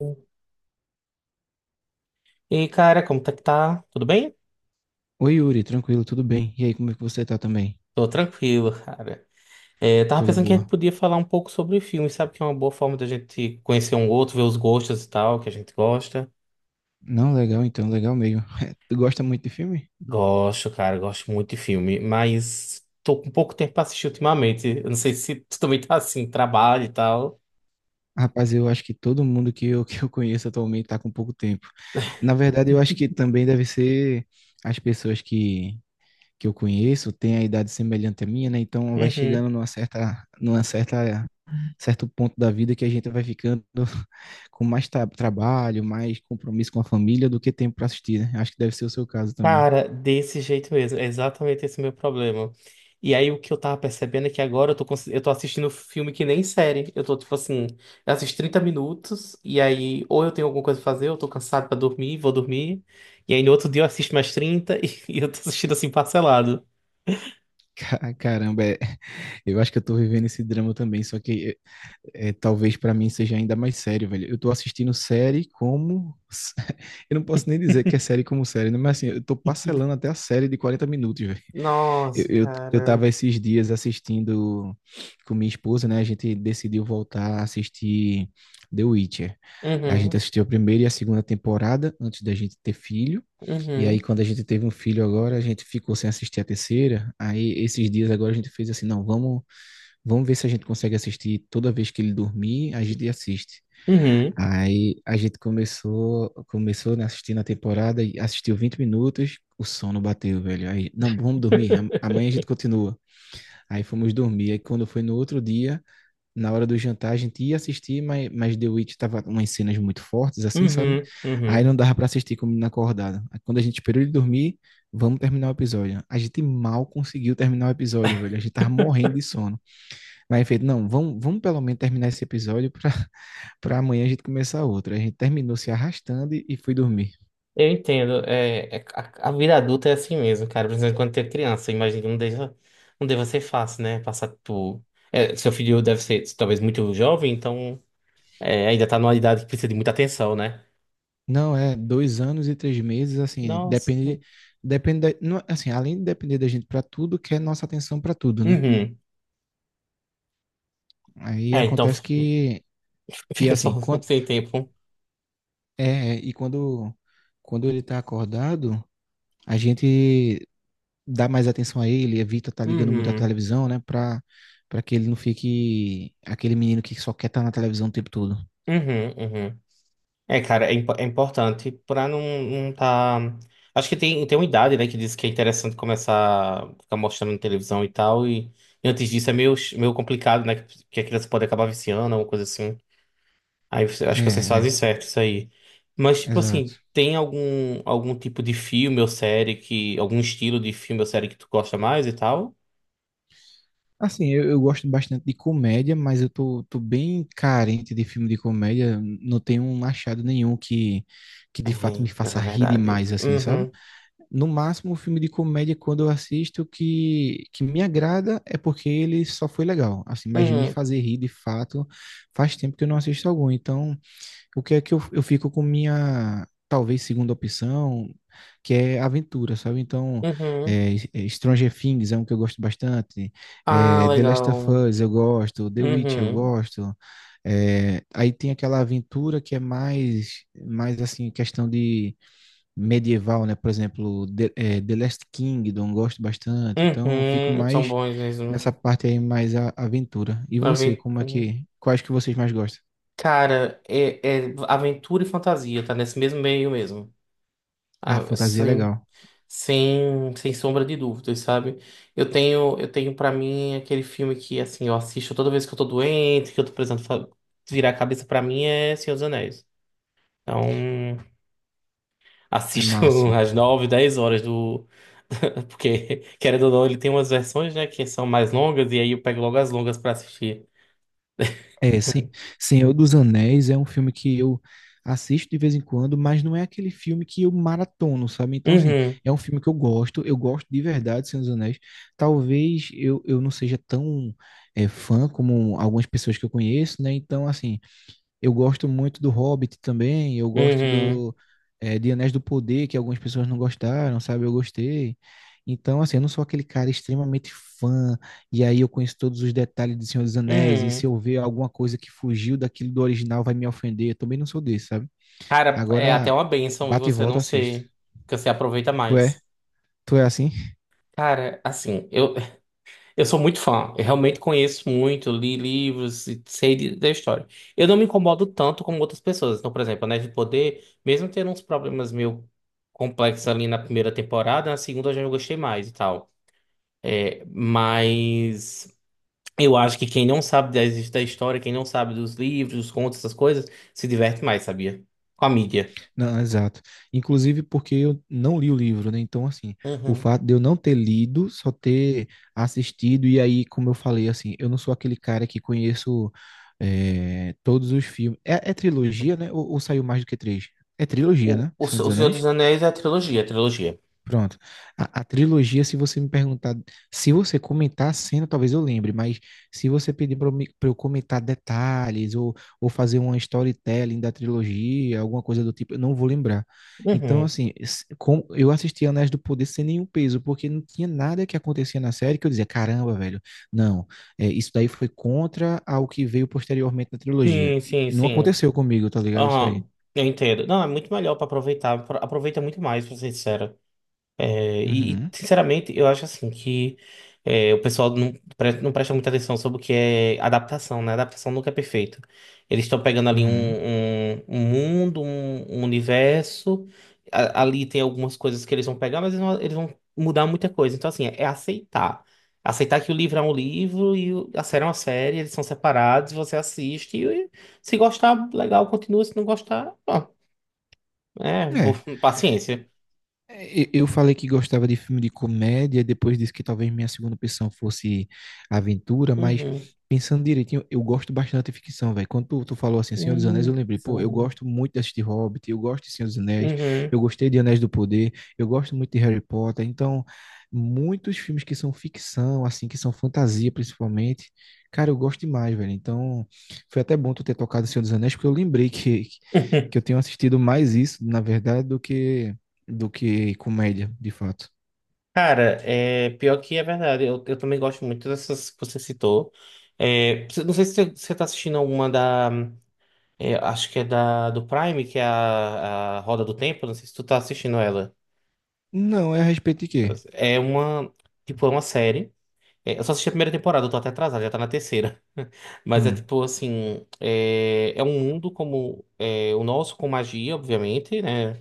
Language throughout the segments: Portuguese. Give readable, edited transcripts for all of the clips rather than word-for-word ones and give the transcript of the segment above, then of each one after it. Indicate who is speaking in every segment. Speaker 1: E aí, cara, como tá que tá? Tudo bem?
Speaker 2: Oi, Yuri, tranquilo, tudo bem? E aí, como é que você tá também?
Speaker 1: Tô tranquilo, cara. É, eu tava
Speaker 2: Coisa
Speaker 1: pensando que a gente
Speaker 2: boa.
Speaker 1: podia falar um pouco sobre filmes, sabe? Que é uma boa forma da gente conhecer um outro, ver os gostos e tal, que a gente gosta.
Speaker 2: Não, legal então, legal mesmo. Tu gosta muito de filme?
Speaker 1: Gosto, cara, gosto muito de filme, mas tô com pouco tempo pra assistir ultimamente. Eu não sei se tu também tá assim, trabalho e tal.
Speaker 2: Rapaz, eu acho que todo mundo que eu conheço atualmente tá com pouco tempo. Na verdade, eu acho que também deve ser as pessoas que eu conheço têm a idade semelhante à minha, né? Então vai
Speaker 1: Uhum.
Speaker 2: chegando numa certa, certo ponto da vida que a gente vai ficando com mais trabalho, mais compromisso com a família do que tempo para assistir, né? Acho que deve ser o seu caso também.
Speaker 1: Cara, desse jeito mesmo, é exatamente esse meu problema. E aí o que eu tava percebendo é que agora eu tô, eu tô assistindo filme que nem série. Eu tô tipo assim, eu assisto 30 minutos e aí ou eu tenho alguma coisa pra fazer, eu tô cansado pra dormir, vou dormir. E aí no outro dia eu assisto mais 30 e, e eu tô assistindo assim parcelado.
Speaker 2: Caramba, eu acho que eu tô vivendo esse drama também, só que talvez pra mim seja ainda mais sério, velho. Eu tô assistindo série como. Eu não posso nem dizer que é série como série, né? Mas assim, eu tô parcelando até a série de 40 minutos, velho.
Speaker 1: Nossa,
Speaker 2: Eu
Speaker 1: cara.
Speaker 2: tava esses dias assistindo com minha esposa, né? A gente decidiu voltar a assistir The Witcher. A gente
Speaker 1: Uhum,
Speaker 2: assistiu a primeira e a segunda temporada antes da gente ter filho. E aí,
Speaker 1: uhum,
Speaker 2: quando a gente teve um filho agora, a gente ficou sem assistir a terceira. Aí, esses dias agora, a gente fez assim: não, vamos ver se a gente consegue assistir toda vez que ele dormir, a gente assiste.
Speaker 1: uhum,
Speaker 2: Aí a gente começou, começou né, assistindo a temporada e assistiu 20 minutos, o sono bateu, velho. Aí, não, vamos dormir, amanhã a gente continua. Aí fomos dormir. Aí quando foi no outro dia, na hora do jantar, a gente ia assistir, mas The Witch tava umas cenas muito fortes, assim, sabe?
Speaker 1: uhum,
Speaker 2: Aí
Speaker 1: uhum.
Speaker 2: não dava pra assistir com o menino acordado. Aí quando a gente esperou ele dormir, vamos terminar o episódio. A gente mal conseguiu terminar o episódio, velho. A gente tava morrendo de sono. Mas feito, não, vamos pelo menos terminar esse episódio pra, para amanhã a gente começar outra. A gente terminou se arrastando e foi dormir.
Speaker 1: Eu entendo. A vida adulta é assim mesmo, cara. Principalmente quando tem criança. Eu imagino que não deva ser fácil, né? Passar por. É, seu filho deve ser talvez muito jovem, então é, ainda tá numa idade que precisa de muita atenção, né?
Speaker 2: Não, é 2 anos e 3 meses, assim, é,
Speaker 1: Nossa.
Speaker 2: depende, depende, da- não, assim, além de depender da gente para tudo, quer nossa atenção para tudo, né?
Speaker 1: Uhum.
Speaker 2: Aí
Speaker 1: É, então
Speaker 2: acontece que
Speaker 1: fica só
Speaker 2: assim, quando,
Speaker 1: sem tempo.
Speaker 2: e quando, quando ele tá acordado, a gente dá mais atenção a ele, evita tá ligando muito a
Speaker 1: Uhum.
Speaker 2: televisão, né? Pra, pra que ele não fique aquele menino que só quer estar na televisão o tempo todo.
Speaker 1: Uhum, uhum. É, cara, é, impo- é importante pra não, não tá. Acho que tem uma idade, né, que diz que é interessante começar a ficar mostrando na televisão e tal, e antes disso é meio, meio complicado, né, que a criança pode acabar viciando, alguma coisa assim. Aí você-
Speaker 2: É,
Speaker 1: acho que vocês fazem
Speaker 2: é,
Speaker 1: certo isso aí. Mas, tipo
Speaker 2: exato.
Speaker 1: assim, tem algum tipo de filme ou série algum estilo de filme ou série que tu gosta mais e tal?
Speaker 2: Assim, eu gosto bastante de comédia, mas eu tô bem carente de filme de comédia. Não tenho um achado nenhum que
Speaker 1: É,
Speaker 2: de fato me
Speaker 1: pior que
Speaker 2: faça
Speaker 1: é
Speaker 2: rir
Speaker 1: verdade.
Speaker 2: demais, assim, sabe?
Speaker 1: Uhum,
Speaker 2: No máximo, o filme de comédia, quando eu assisto, que me agrada é porque ele só foi legal, assim, mas me
Speaker 1: uhum,
Speaker 2: fazer rir de fato faz tempo que eu não assisto algum. Então, o que é que eu fico com minha, talvez, segunda opção, que é aventura, sabe? Então,
Speaker 1: uhum.
Speaker 2: Stranger Things é um que eu gosto bastante,
Speaker 1: Ah,
Speaker 2: é, The Last of
Speaker 1: legal.
Speaker 2: Us eu gosto, The Witch eu
Speaker 1: Uhum.
Speaker 2: gosto, é, aí tem aquela aventura que é mais, mais assim, questão de medieval, né? Por exemplo, The Last Kingdom, gosto bastante. Então, eu fico
Speaker 1: Uhum, são
Speaker 2: mais
Speaker 1: bons mesmo.
Speaker 2: nessa parte aí, mais a aventura. E você, como é
Speaker 1: Aventura.
Speaker 2: que, quais que vocês mais gostam?
Speaker 1: Cara, é, é aventura e fantasia, tá nesse mesmo meio mesmo.
Speaker 2: Ah,
Speaker 1: Ah,
Speaker 2: fantasia é
Speaker 1: sem,
Speaker 2: legal.
Speaker 1: sem, sem sombra de dúvidas, sabe? Eu tenho para mim aquele filme que, assim, eu assisto toda vez que eu tô doente, que eu tô precisando virar a cabeça pra mim, é Senhor dos Anéis. Então,
Speaker 2: É
Speaker 1: assisto
Speaker 2: massa.
Speaker 1: às 9 10 horas do. Porque, querendo ou não, ele tem umas versões, né, que são mais longas, e aí eu pego logo as longas pra assistir.
Speaker 2: É, Senhor dos Anéis é um filme que eu assisto de vez em quando, mas não é aquele filme que eu maratono, sabe? Então, assim,
Speaker 1: Uhum,
Speaker 2: é um filme que eu gosto de verdade de Senhor dos Anéis. Talvez eu não seja tão é, fã como algumas pessoas que eu conheço, né? Então, assim, eu gosto muito do Hobbit também, eu gosto
Speaker 1: uhum,
Speaker 2: do de Anéis do Poder, que algumas pessoas não gostaram, sabe? Eu gostei. Então, assim, eu não sou aquele cara extremamente fã, e aí eu conheço todos os detalhes de Senhor dos Anéis, e se
Speaker 1: uhum.
Speaker 2: eu ver alguma coisa que fugiu daquilo do original vai me ofender, eu também não sou desse, sabe?
Speaker 1: Cara, é
Speaker 2: Agora,
Speaker 1: até uma bênção e
Speaker 2: bate e
Speaker 1: você
Speaker 2: volta,
Speaker 1: não
Speaker 2: eu assisto.
Speaker 1: ser, porque você aproveita
Speaker 2: Tu é?
Speaker 1: mais.
Speaker 2: Tu é assim?
Speaker 1: Cara, assim, eu sou muito fã, eu realmente conheço muito, li livros e sei da história. Eu não me incomodo tanto como outras pessoas. Então, por exemplo, Anéis de Poder, mesmo tendo uns problemas meio complexos ali na primeira temporada, na segunda eu já gostei mais e tal. É, mas eu acho que quem não sabe da história, quem não sabe dos livros, dos contos, essas coisas, se diverte mais, sabia? Com a mídia.
Speaker 2: Não, exato. Inclusive porque eu não li o livro, né? Então, assim, o
Speaker 1: Uhum.
Speaker 2: fato de eu não ter lido, só ter assistido, e aí, como eu falei, assim, eu não sou aquele cara que conheço todos os filmes. É, é trilogia, né? Ou saiu mais do que três? É trilogia, né?
Speaker 1: O,
Speaker 2: Senhor
Speaker 1: Se-
Speaker 2: dos
Speaker 1: o Senhor
Speaker 2: Anéis?
Speaker 1: dos Anéis é a trilogia, a trilogia.
Speaker 2: Pronto. A trilogia, se você me perguntar, se você comentar a cena, talvez eu lembre, mas se você pedir para eu, pra eu comentar detalhes ou fazer uma storytelling da trilogia, alguma coisa do tipo, eu não vou lembrar. Então,
Speaker 1: Uhum.
Speaker 2: assim, eu assisti Anéis do Poder sem nenhum peso, porque não tinha nada que acontecia na série que eu dizia, caramba, velho, não, é, isso daí foi contra ao que veio posteriormente na trilogia.
Speaker 1: Sim,
Speaker 2: E
Speaker 1: sim,
Speaker 2: não
Speaker 1: sim.
Speaker 2: aconteceu comigo, tá ligado? Isso aí.
Speaker 1: Aham. Eu entendo. Não, é muito melhor pra aproveitar. Aproveita muito mais, pra ser sincero. É, e,
Speaker 2: Uhum,
Speaker 1: sinceramente, eu acho assim que o pessoal não presta muita atenção sobre o que é adaptação, né? Adaptação nunca é perfeito. Eles estão pegando ali um,
Speaker 2: uhum.
Speaker 1: um, mundo, um universo. A- ali tem algumas coisas que eles vão pegar, mas eles vão mudar muita coisa. Então, assim, é aceitar. Aceitar que o livro é um livro e o- a série é uma série, eles são separados, você assiste e se gostar, legal, continua. Se não gostar, bom, é,
Speaker 2: É.
Speaker 1: paciência.
Speaker 2: É, eu falei que gostava de filme de comédia, depois disse que talvez minha segunda opção fosse aventura, mas
Speaker 1: Uhum.
Speaker 2: pensando direitinho, eu gosto bastante de ficção, velho. Quando tu falou assim, Senhor dos Anéis, eu lembrei, pô, eu
Speaker 1: São.
Speaker 2: gosto muito de assistir Hobbit, eu gosto de Senhor dos Anéis,
Speaker 1: Uhum.
Speaker 2: eu gostei de Anéis do Poder, eu gosto muito de Harry Potter, então muitos filmes que são ficção, assim, que são fantasia principalmente, cara, eu gosto demais, velho. Então foi até bom tu ter tocado Senhor dos Anéis, porque eu lembrei que eu tenho assistido mais isso, na verdade, do que comédia, de fato.
Speaker 1: Cara, é, pior que é verdade. Eu também gosto muito dessas que você citou. É, você- não sei se você tá assistindo alguma da. É, acho que é da do Prime, que é a Roda do Tempo. Não sei se tu tá assistindo ela.
Speaker 2: Não, é a respeito de quê?
Speaker 1: É uma. Tipo, é uma série. É, eu só assisti a primeira temporada, eu tô até atrasado, já tá na terceira. Mas é
Speaker 2: Hum,
Speaker 1: tipo assim. É, é um mundo como é, o nosso, com magia, obviamente, né?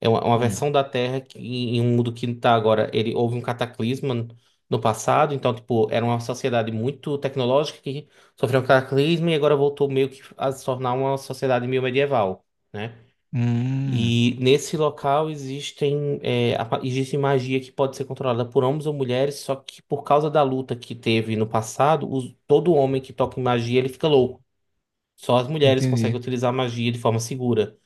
Speaker 1: É uma
Speaker 2: hum,
Speaker 1: versão da Terra que, em um mundo que não tá agora. Ele houve um cataclisma no passado, então, tipo, era uma sociedade muito tecnológica que sofreu um cataclisma e agora voltou meio que a se tornar uma sociedade meio medieval, né?
Speaker 2: hum,
Speaker 1: E nesse local existem, existe magia que pode ser controlada por homens ou mulheres, só que por causa da luta que teve no passado, todo homem que toca em magia, ele fica louco. Só as mulheres conseguem
Speaker 2: entendi.
Speaker 1: utilizar a magia de forma segura.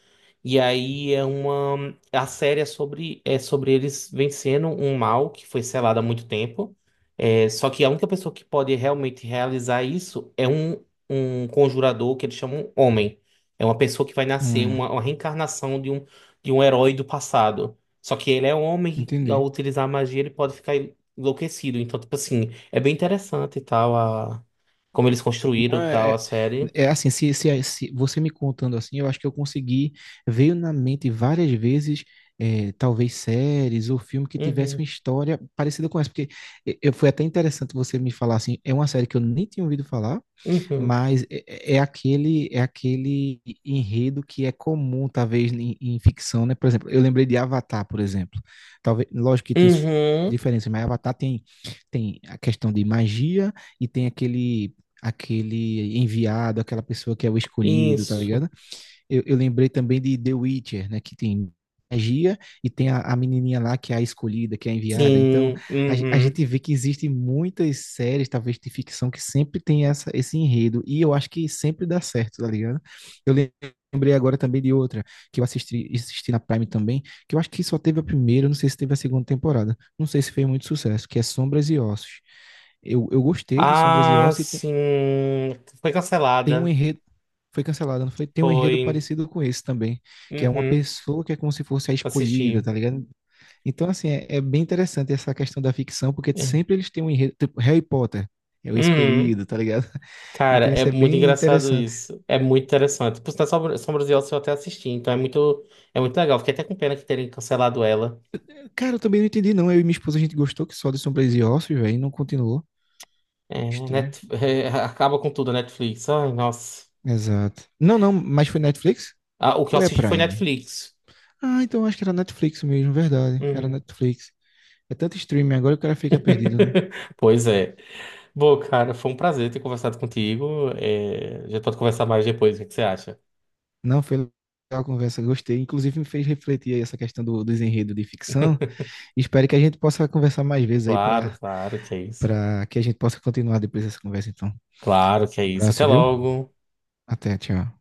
Speaker 1: E aí é uma a série é sobre eles vencendo um mal que foi selado há muito tempo. É, só que a única pessoa que pode realmente realizar isso é um, conjurador que eles chamam homem. É uma pessoa que vai nascer,
Speaker 2: Hum,
Speaker 1: uma reencarnação de um herói do passado. Só que ele é um homem e ao
Speaker 2: entendi.
Speaker 1: utilizar a magia ele pode ficar enlouquecido. Então, tipo assim, é bem interessante e tal, a, como eles
Speaker 2: Não,
Speaker 1: construíram
Speaker 2: é,
Speaker 1: tal a
Speaker 2: é,
Speaker 1: série.
Speaker 2: é assim, se você me contando assim, eu acho que eu consegui, veio na mente várias vezes, é, talvez séries ou filme que tivesse uma
Speaker 1: Uhum,
Speaker 2: história parecida com essa, porque eu, foi até interessante você me falar assim, é uma série que eu nem tinha ouvido falar,
Speaker 1: uhum,
Speaker 2: mas é, é é aquele enredo que é comum, talvez, em ficção, né? Por exemplo, eu lembrei de Avatar, por exemplo. Talvez, lógico que tem
Speaker 1: uhum,
Speaker 2: diferença, mas Avatar tem, tem a questão de magia e tem aquele enviado, aquela pessoa que é o escolhido, tá
Speaker 1: isso.
Speaker 2: ligado? Eu lembrei também de The Witcher, né? Que tem magia e tem a menininha lá que é a escolhida, que é a enviada. Então,
Speaker 1: Sim,
Speaker 2: a
Speaker 1: uhum.
Speaker 2: gente vê que existem muitas séries, talvez de ficção, que sempre tem essa, esse enredo. E eu acho que sempre dá certo, tá ligado? Eu lem- lembrei agora também de outra, que eu assisti na Prime também, que eu acho que só teve a primeira, não sei se teve a segunda temporada. Não sei se fez muito sucesso, que é Sombras e Ossos. Eu gostei de Sombras e
Speaker 1: Ah,
Speaker 2: Ossos e
Speaker 1: sim. Foi
Speaker 2: tem um
Speaker 1: cancelada.
Speaker 2: enredo. Foi cancelada, não foi? Tem um enredo
Speaker 1: Foi.
Speaker 2: parecido com esse também, que é uma
Speaker 1: Uhum.
Speaker 2: pessoa que é como se fosse a escolhida, tá
Speaker 1: Assisti.
Speaker 2: ligado? Então, assim, é bem interessante essa questão da ficção, porque
Speaker 1: É.
Speaker 2: sempre eles têm um enredo, tipo Harry Potter, é o
Speaker 1: Uhum.
Speaker 2: escolhido, tá ligado?
Speaker 1: Cara,
Speaker 2: Então
Speaker 1: é
Speaker 2: isso é
Speaker 1: muito
Speaker 2: bem
Speaker 1: engraçado
Speaker 2: interessante.
Speaker 1: isso. É muito interessante. Por sinal, Sombras de Oz eu até assisti, então é muito legal. Fiquei até com pena que terem cancelado ela.
Speaker 2: Cara, eu também não entendi, não. Eu e minha esposa, a gente gostou que só de Sombras e Ossos, velho, e não continuou.
Speaker 1: É, né,
Speaker 2: Estranho.
Speaker 1: É, acaba com tudo a Netflix. Ai, nossa.
Speaker 2: Exato. Não, não, mas foi Netflix?
Speaker 1: Ah, o que eu
Speaker 2: Ou é
Speaker 1: assisti foi
Speaker 2: Prime?
Speaker 1: Netflix.
Speaker 2: Ah, então acho que era Netflix mesmo, verdade. Era
Speaker 1: Uhum.
Speaker 2: Netflix. É tanto streaming agora que o cara fica perdido, né?
Speaker 1: Pois é. Bom, cara, foi um prazer ter conversado contigo. É, a gente pode conversar mais depois, o que que você acha?
Speaker 2: Não, foi legal a conversa, gostei. Inclusive me fez refletir aí essa questão do, do desenredo de ficção. Espero que a gente possa conversar mais vezes aí
Speaker 1: Claro,
Speaker 2: para
Speaker 1: claro que é isso.
Speaker 2: para que a gente possa continuar depois dessa conversa, então.
Speaker 1: Claro que é
Speaker 2: Um
Speaker 1: isso. Até
Speaker 2: abraço, viu?
Speaker 1: logo.
Speaker 2: Até, tchau.